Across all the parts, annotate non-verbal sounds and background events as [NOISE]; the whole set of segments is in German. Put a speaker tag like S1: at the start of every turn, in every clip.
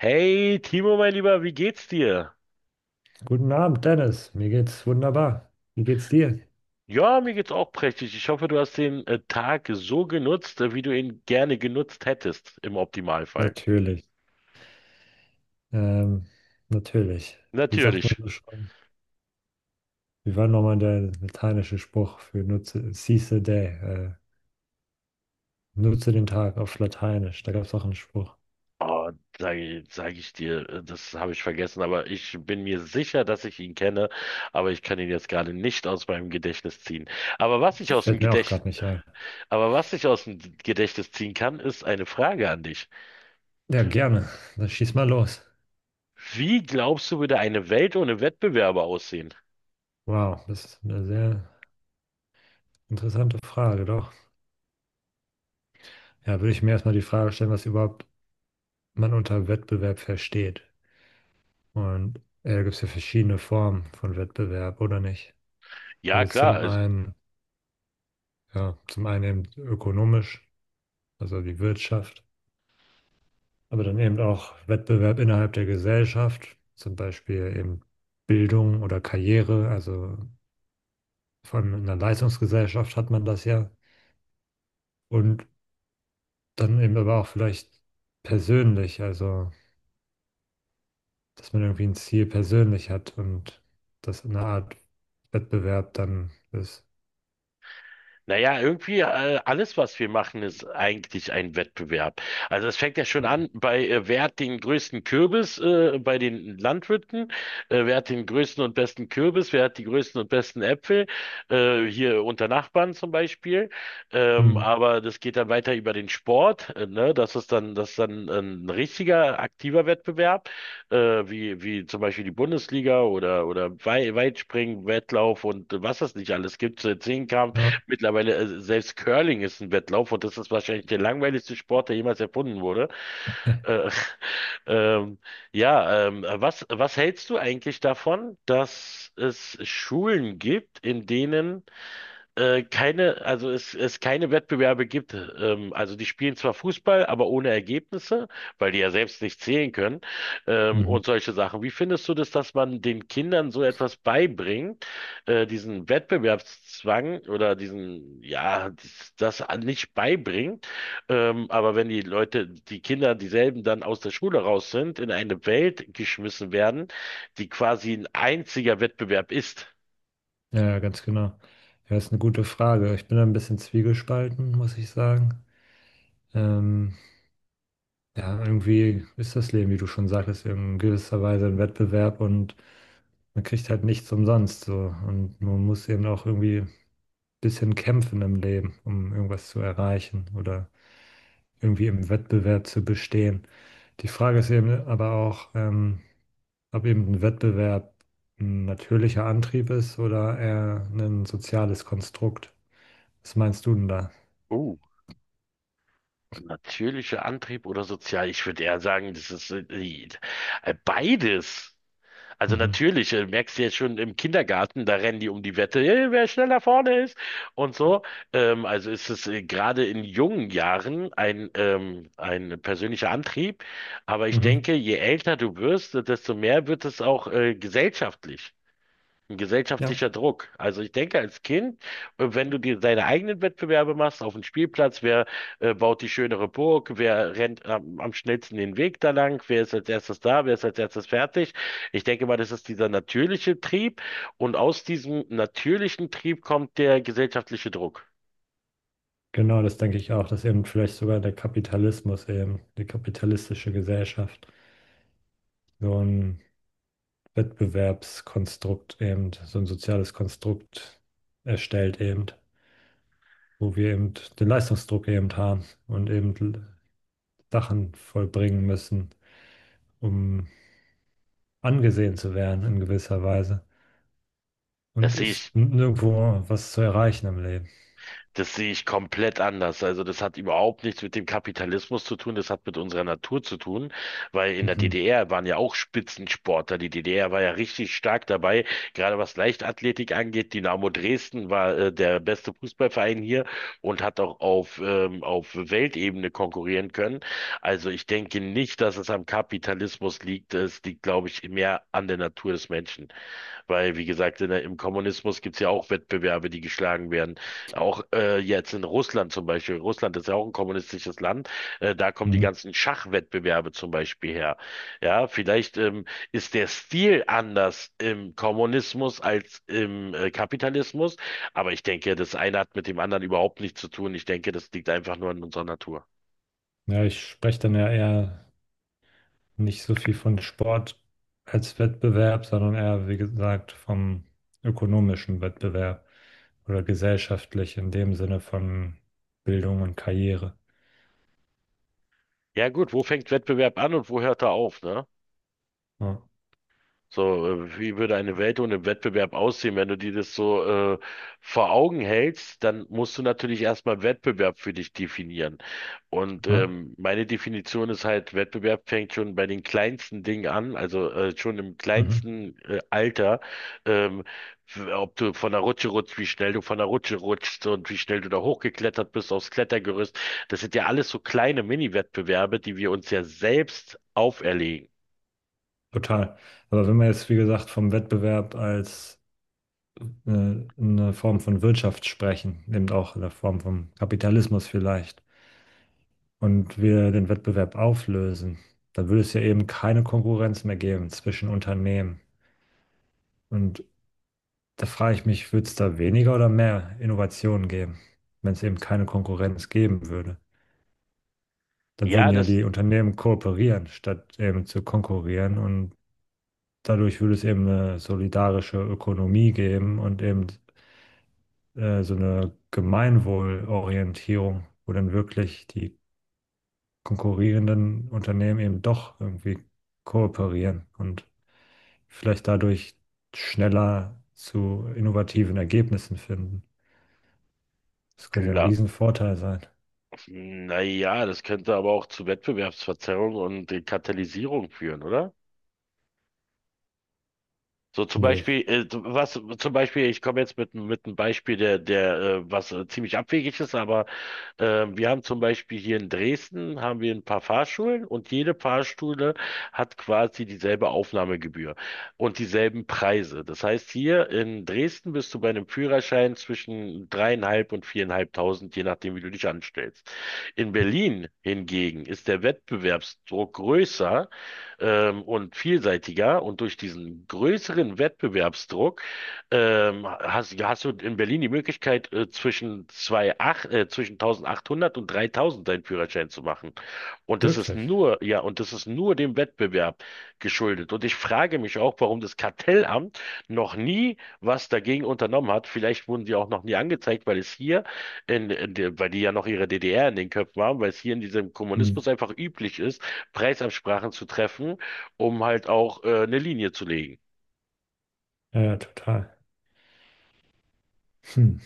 S1: Hey Timo, mein Lieber, wie geht's dir?
S2: Guten Abend, Dennis. Mir geht's wunderbar. Wie geht's dir?
S1: Ja, mir geht's auch prächtig. Ich hoffe, du hast den Tag so genutzt, wie du ihn gerne genutzt hättest, im Optimalfall.
S2: Natürlich. Ähm, natürlich. Wie sagt man
S1: Natürlich.
S2: so schon? Wie war nochmal der lateinische Spruch für nutze, seize the day? Nutze den Tag auf Lateinisch. Da gab es auch einen Spruch.
S1: Oh, sag ich dir, das habe ich vergessen, aber ich bin mir sicher, dass ich ihn kenne, aber ich kann ihn jetzt gerade nicht aus meinem Gedächtnis ziehen. Aber was ich aus dem
S2: Fällt mir auch
S1: Gedächt,
S2: gerade nicht ein.
S1: aber was ich aus dem Gedächtnis ziehen kann, ist eine Frage an dich.
S2: Ja, gerne. Dann schieß mal los.
S1: Wie glaubst du, würde eine Welt ohne Wettbewerber aussehen?
S2: Wow, das ist eine sehr interessante Frage, doch. Ja, würde ich mir erstmal die Frage stellen, was überhaupt man unter Wettbewerb versteht. Und da gibt es ja verschiedene Formen von Wettbewerb, oder nicht?
S1: Ja,
S2: Also
S1: klar,
S2: zum
S1: also.
S2: einen, ja, zum einen eben ökonomisch, also die Wirtschaft, aber dann eben auch Wettbewerb innerhalb der Gesellschaft, zum Beispiel eben Bildung oder Karriere, also vor allem in einer Leistungsgesellschaft hat man das ja. Und dann eben aber auch vielleicht persönlich, also dass man irgendwie ein Ziel persönlich hat und das eine Art Wettbewerb dann ist.
S1: Naja, irgendwie alles, was wir machen, ist eigentlich ein Wettbewerb. Also es fängt ja schon an bei, wer hat den größten Kürbis bei den Landwirten, wer hat den größten und besten Kürbis, wer hat die größten und besten Äpfel, hier unter Nachbarn zum Beispiel. Ähm,
S2: Mhm.
S1: aber das geht dann weiter über den Sport, ne? Das ist dann ein richtiger, aktiver Wettbewerb, äh, wie zum Beispiel die Bundesliga oder, Weitspringen, Wettlauf und was es nicht alles gibt, Zehnkampf.
S2: Ja.
S1: Mittlerweile, selbst Curling ist ein Wettlauf und das ist wahrscheinlich der langweiligste Sport, der jemals erfunden wurde. Äh, [LAUGHS] ähm, ja, was hältst du eigentlich davon, dass es Schulen gibt, in denen keine, also es keine Wettbewerbe gibt. Also die spielen zwar Fußball, aber ohne Ergebnisse, weil die ja selbst nicht zählen können,
S2: Mhm.
S1: und solche Sachen. Wie findest du das, dass man den Kindern so etwas beibringt, diesen Wettbewerbszwang oder diesen, ja, nicht beibringt? Aber wenn die Leute, die Kinder, dieselben dann aus der Schule raus sind, in eine Welt geschmissen werden, die quasi ein einziger Wettbewerb ist.
S2: Ja, ja, ganz genau. Ja, ist eine gute Frage. Ich bin da ein bisschen zwiegespalten, muss ich sagen. Ähm, ja, irgendwie ist das Leben, wie du schon sagtest, in gewisser Weise ein Wettbewerb und man kriegt halt nichts umsonst so. Und man muss eben auch irgendwie ein bisschen kämpfen im Leben, um irgendwas zu erreichen oder irgendwie im Wettbewerb zu bestehen. Die Frage ist eben aber auch, ob eben ein Wettbewerb ein natürlicher Antrieb ist oder eher ein soziales Konstrukt. Was meinst du denn da?
S1: Uh. Natürlicher Antrieb oder sozial? Ich würde eher sagen, das ist beides. Also
S2: Mhm.
S1: natürlich, merkst du jetzt schon im Kindergarten, da rennen die um die Wette, hey, wer schneller vorne ist und so. Also ist es gerade in jungen Jahren ein persönlicher Antrieb. Aber ich
S2: Mhm.
S1: denke, je älter du wirst, desto mehr wird es auch gesellschaftlich. Ein
S2: Ja,
S1: gesellschaftlicher Druck. Also ich denke, als Kind, wenn du dir deine eigenen Wettbewerbe machst auf dem Spielplatz, wer baut die schönere Burg, wer rennt am schnellsten den Weg da lang, wer ist als erstes da, wer ist als erstes fertig. Ich denke mal, das ist dieser natürliche Trieb und aus diesem natürlichen Trieb kommt der gesellschaftliche Druck.
S2: genau, das denke ich auch, dass eben vielleicht sogar der Kapitalismus eben, die kapitalistische Gesellschaft, so ein Wettbewerbskonstrukt eben, so ein soziales Konstrukt erstellt eben, wo wir eben den Leistungsdruck eben haben und eben Sachen vollbringen müssen, um angesehen zu werden in gewisser Weise
S1: Das
S2: und
S1: sehe
S2: ist
S1: ich
S2: nirgendwo was zu erreichen im Leben.
S1: Das sehe ich komplett anders. Also das hat überhaupt nichts mit dem Kapitalismus zu tun, das hat mit unserer Natur zu tun, weil in der
S2: Mhm.
S1: DDR waren ja auch Spitzensportler. Die DDR war ja richtig stark dabei, gerade was Leichtathletik angeht. Dynamo Dresden war der beste Fußballverein hier und hat auch auf Weltebene konkurrieren können. Also ich denke nicht, dass es am Kapitalismus liegt. Es liegt, glaube ich, mehr an der Natur des Menschen. Weil, wie gesagt, im Kommunismus gibt es ja auch Wettbewerbe, die geschlagen werden. Auch jetzt in Russland zum Beispiel. Russland ist ja auch ein kommunistisches Land. Da kommen die
S2: Mhm.
S1: ganzen Schachwettbewerbe zum Beispiel her. Ja, vielleicht ist der Stil anders im Kommunismus als im Kapitalismus. Aber ich denke, das eine hat mit dem anderen überhaupt nichts zu tun. Ich denke, das liegt einfach nur in unserer Natur.
S2: Ja, ich spreche dann ja eher nicht so viel von Sport als Wettbewerb, sondern eher, wie gesagt, vom ökonomischen Wettbewerb oder gesellschaftlich in dem Sinne von Bildung und Karriere.
S1: Ja gut, wo fängt Wettbewerb an und wo hört er auf, ne?
S2: Ja,
S1: So, wie würde eine Welt ohne Wettbewerb aussehen? Wenn du dir das so äh, vor Augen hältst, dann musst du natürlich erstmal Wettbewerb für dich definieren. Und
S2: ja,
S1: meine Definition ist halt, Wettbewerb fängt schon bei den kleinsten Dingen an, also schon im
S2: mhm,
S1: kleinsten Alter. Ähm, Ob du von der Rutsche rutschst, wie schnell du von der Rutsche rutschst und wie schnell du da hochgeklettert bist aufs Klettergerüst. Das sind ja alles so kleine Mini-Wettbewerbe, die wir uns ja selbst auferlegen.
S2: total. Aber wenn wir jetzt, wie gesagt, vom Wettbewerb als äh, eine Form von Wirtschaft sprechen, eben auch in der Form von Kapitalismus vielleicht, und wir den Wettbewerb auflösen, dann würde es ja eben keine Konkurrenz mehr geben zwischen Unternehmen. Und da frage ich mich, würde es da weniger oder mehr Innovationen geben, wenn es eben keine Konkurrenz geben würde? Dann würden
S1: Ja,
S2: ja
S1: das.
S2: die Unternehmen kooperieren, statt eben zu konkurrieren. Und dadurch würde es eben eine solidarische Ökonomie geben und eben so eine Gemeinwohlorientierung, wo dann wirklich die konkurrierenden Unternehmen eben doch irgendwie kooperieren und vielleicht dadurch schneller zu innovativen Ergebnissen finden. Das könnte ja ein Riesenvorteil sein.
S1: Naja, das könnte aber auch zu Wettbewerbsverzerrung und Katalysierung führen, oder? So zum
S2: Nee,
S1: Beispiel, so, was zum Beispiel, ich komme jetzt mit, einem Beispiel, der, der, was ziemlich abwegig ist, aber wir haben zum Beispiel hier in Dresden haben wir ein paar Fahrschulen und jede Fahrschule hat quasi dieselbe Aufnahmegebühr und dieselben Preise. Das heißt, hier in Dresden bist du bei einem Führerschein zwischen dreieinhalb und viereinhalbtausend, je nachdem, wie du dich anstellst. In Berlin hingegen ist der Wettbewerbsdruck größer und vielseitiger und durch diesen größeren Wettbewerbsdruck hast du in Berlin die Möglichkeit, zwischen 1800 und 3000 deinen Führerschein zu machen. Und das ist
S2: wirklich.
S1: nur, und das ist nur dem Wettbewerb geschuldet. Und ich frage mich auch, warum das Kartellamt noch nie was dagegen unternommen hat. Vielleicht wurden die auch noch nie angezeigt, weil es hier, in der, weil die ja noch ihre DDR in den Köpfen haben, weil es hier in diesem
S2: Hm.
S1: Kommunismus einfach üblich ist, Preisabsprachen zu treffen, um halt auch eine Linie zu legen.
S2: Ja, ja, total. Hm.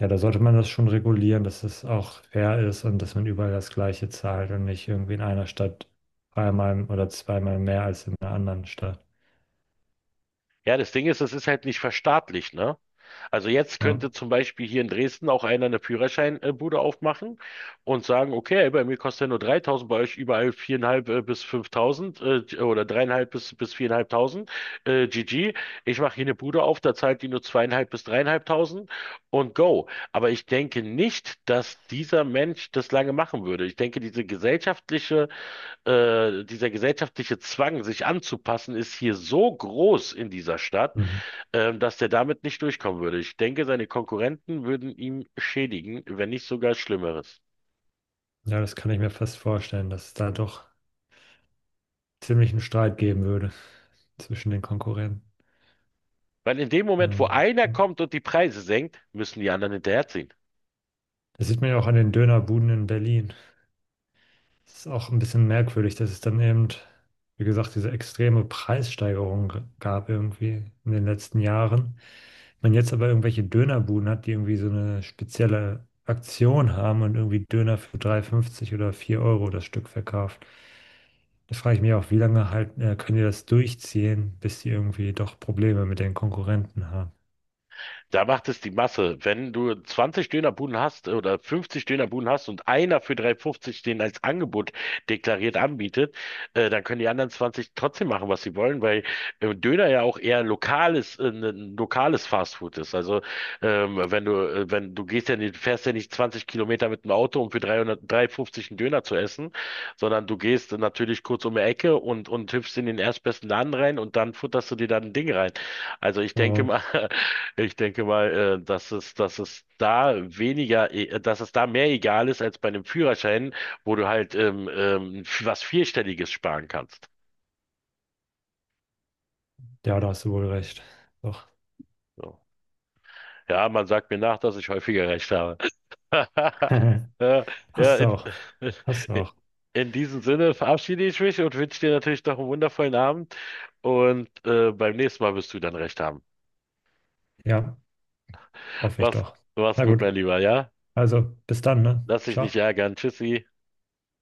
S2: Ja, da sollte man das schon regulieren, dass es auch fair ist und dass man überall das Gleiche zahlt und nicht irgendwie in einer Stadt dreimal oder zweimal mehr als in einer anderen Stadt.
S1: Ja, das Ding ist, es ist halt nicht verstaatlicht, ne? Also jetzt
S2: Ja,
S1: könnte zum Beispiel hier in Dresden auch einer eine Führerscheinbude aufmachen und sagen, okay, bei mir kostet er nur 3.000, bei euch überall 4.500 bis 5.000 oder dreieinhalb bis 4.500 GG. Ich mache hier eine Bude auf, da zahlt die nur zweieinhalb bis dreieinhalbtausend und go. Aber ich denke nicht, dass dieser Mensch das lange machen würde. Ich denke, dieser gesellschaftliche Zwang, sich anzupassen, ist hier so groß in dieser Stadt,
S2: mhm.
S1: dass der damit nicht durchkommen würde. Ich denke, seine Konkurrenten würden ihm schädigen, wenn nicht sogar Schlimmeres.
S2: Ja, das kann ich mir fast vorstellen, dass es da doch ziemlich einen Streit geben würde zwischen den Konkurrenten.
S1: Weil in dem Moment, wo
S2: Ähm,
S1: einer
S2: ja.
S1: kommt und die Preise senkt, müssen die anderen hinterherziehen.
S2: Das sieht man ja auch an den Dönerbuden in Berlin. Das ist auch ein bisschen merkwürdig, dass es dann eben, wie gesagt, diese extreme Preissteigerung gab irgendwie in den letzten Jahren. Man jetzt aber irgendwelche Dönerbuden hat, die irgendwie so eine spezielle Aktion haben und irgendwie Döner für 3,50 oder 4 Euro das Stück verkauft. Da frage ich mich auch, wie lange halt, können die das durchziehen, bis die irgendwie doch Probleme mit den Konkurrenten haben.
S1: Da macht es die Masse. Wenn du 20 Dönerbuden hast oder 50 Dönerbuden hast und einer für 3,50 den als Angebot deklariert anbietet, dann können die anderen 20 trotzdem machen, was sie wollen, weil Döner ja auch eher ein lokales Fastfood ist. Also wenn du gehst ja nicht, fährst ja nicht 20 Kilometer mit dem Auto, um für 300, 3,50 einen Döner zu essen, sondern du gehst natürlich kurz um die Ecke und hüpfst in den erstbesten Laden rein und dann futterst du dir dann ein Ding rein. Also ich denke
S2: Oh,
S1: mal, ich denke mal, dass es da mehr egal ist als bei einem Führerschein, wo du halt was Vierstelliges sparen kannst.
S2: ja, da hast du wohl recht. Doch.
S1: So. Ja, man sagt mir nach, dass ich häufiger recht habe. [LAUGHS] Ja,
S2: [LAUGHS]
S1: ja,
S2: Hast du auch. Hast du auch.
S1: [LAUGHS] in diesem Sinne verabschiede ich mich und wünsche dir natürlich noch einen wundervollen Abend. Und beim nächsten Mal wirst du dann recht haben.
S2: Ja, hoffe ich
S1: Was, Mach's,
S2: doch.
S1: mach's,
S2: Na
S1: gut,
S2: gut.
S1: mein Lieber, ja?
S2: Also, bis dann, ne?
S1: Lass dich nicht
S2: Ciao.
S1: ärgern. Tschüssi.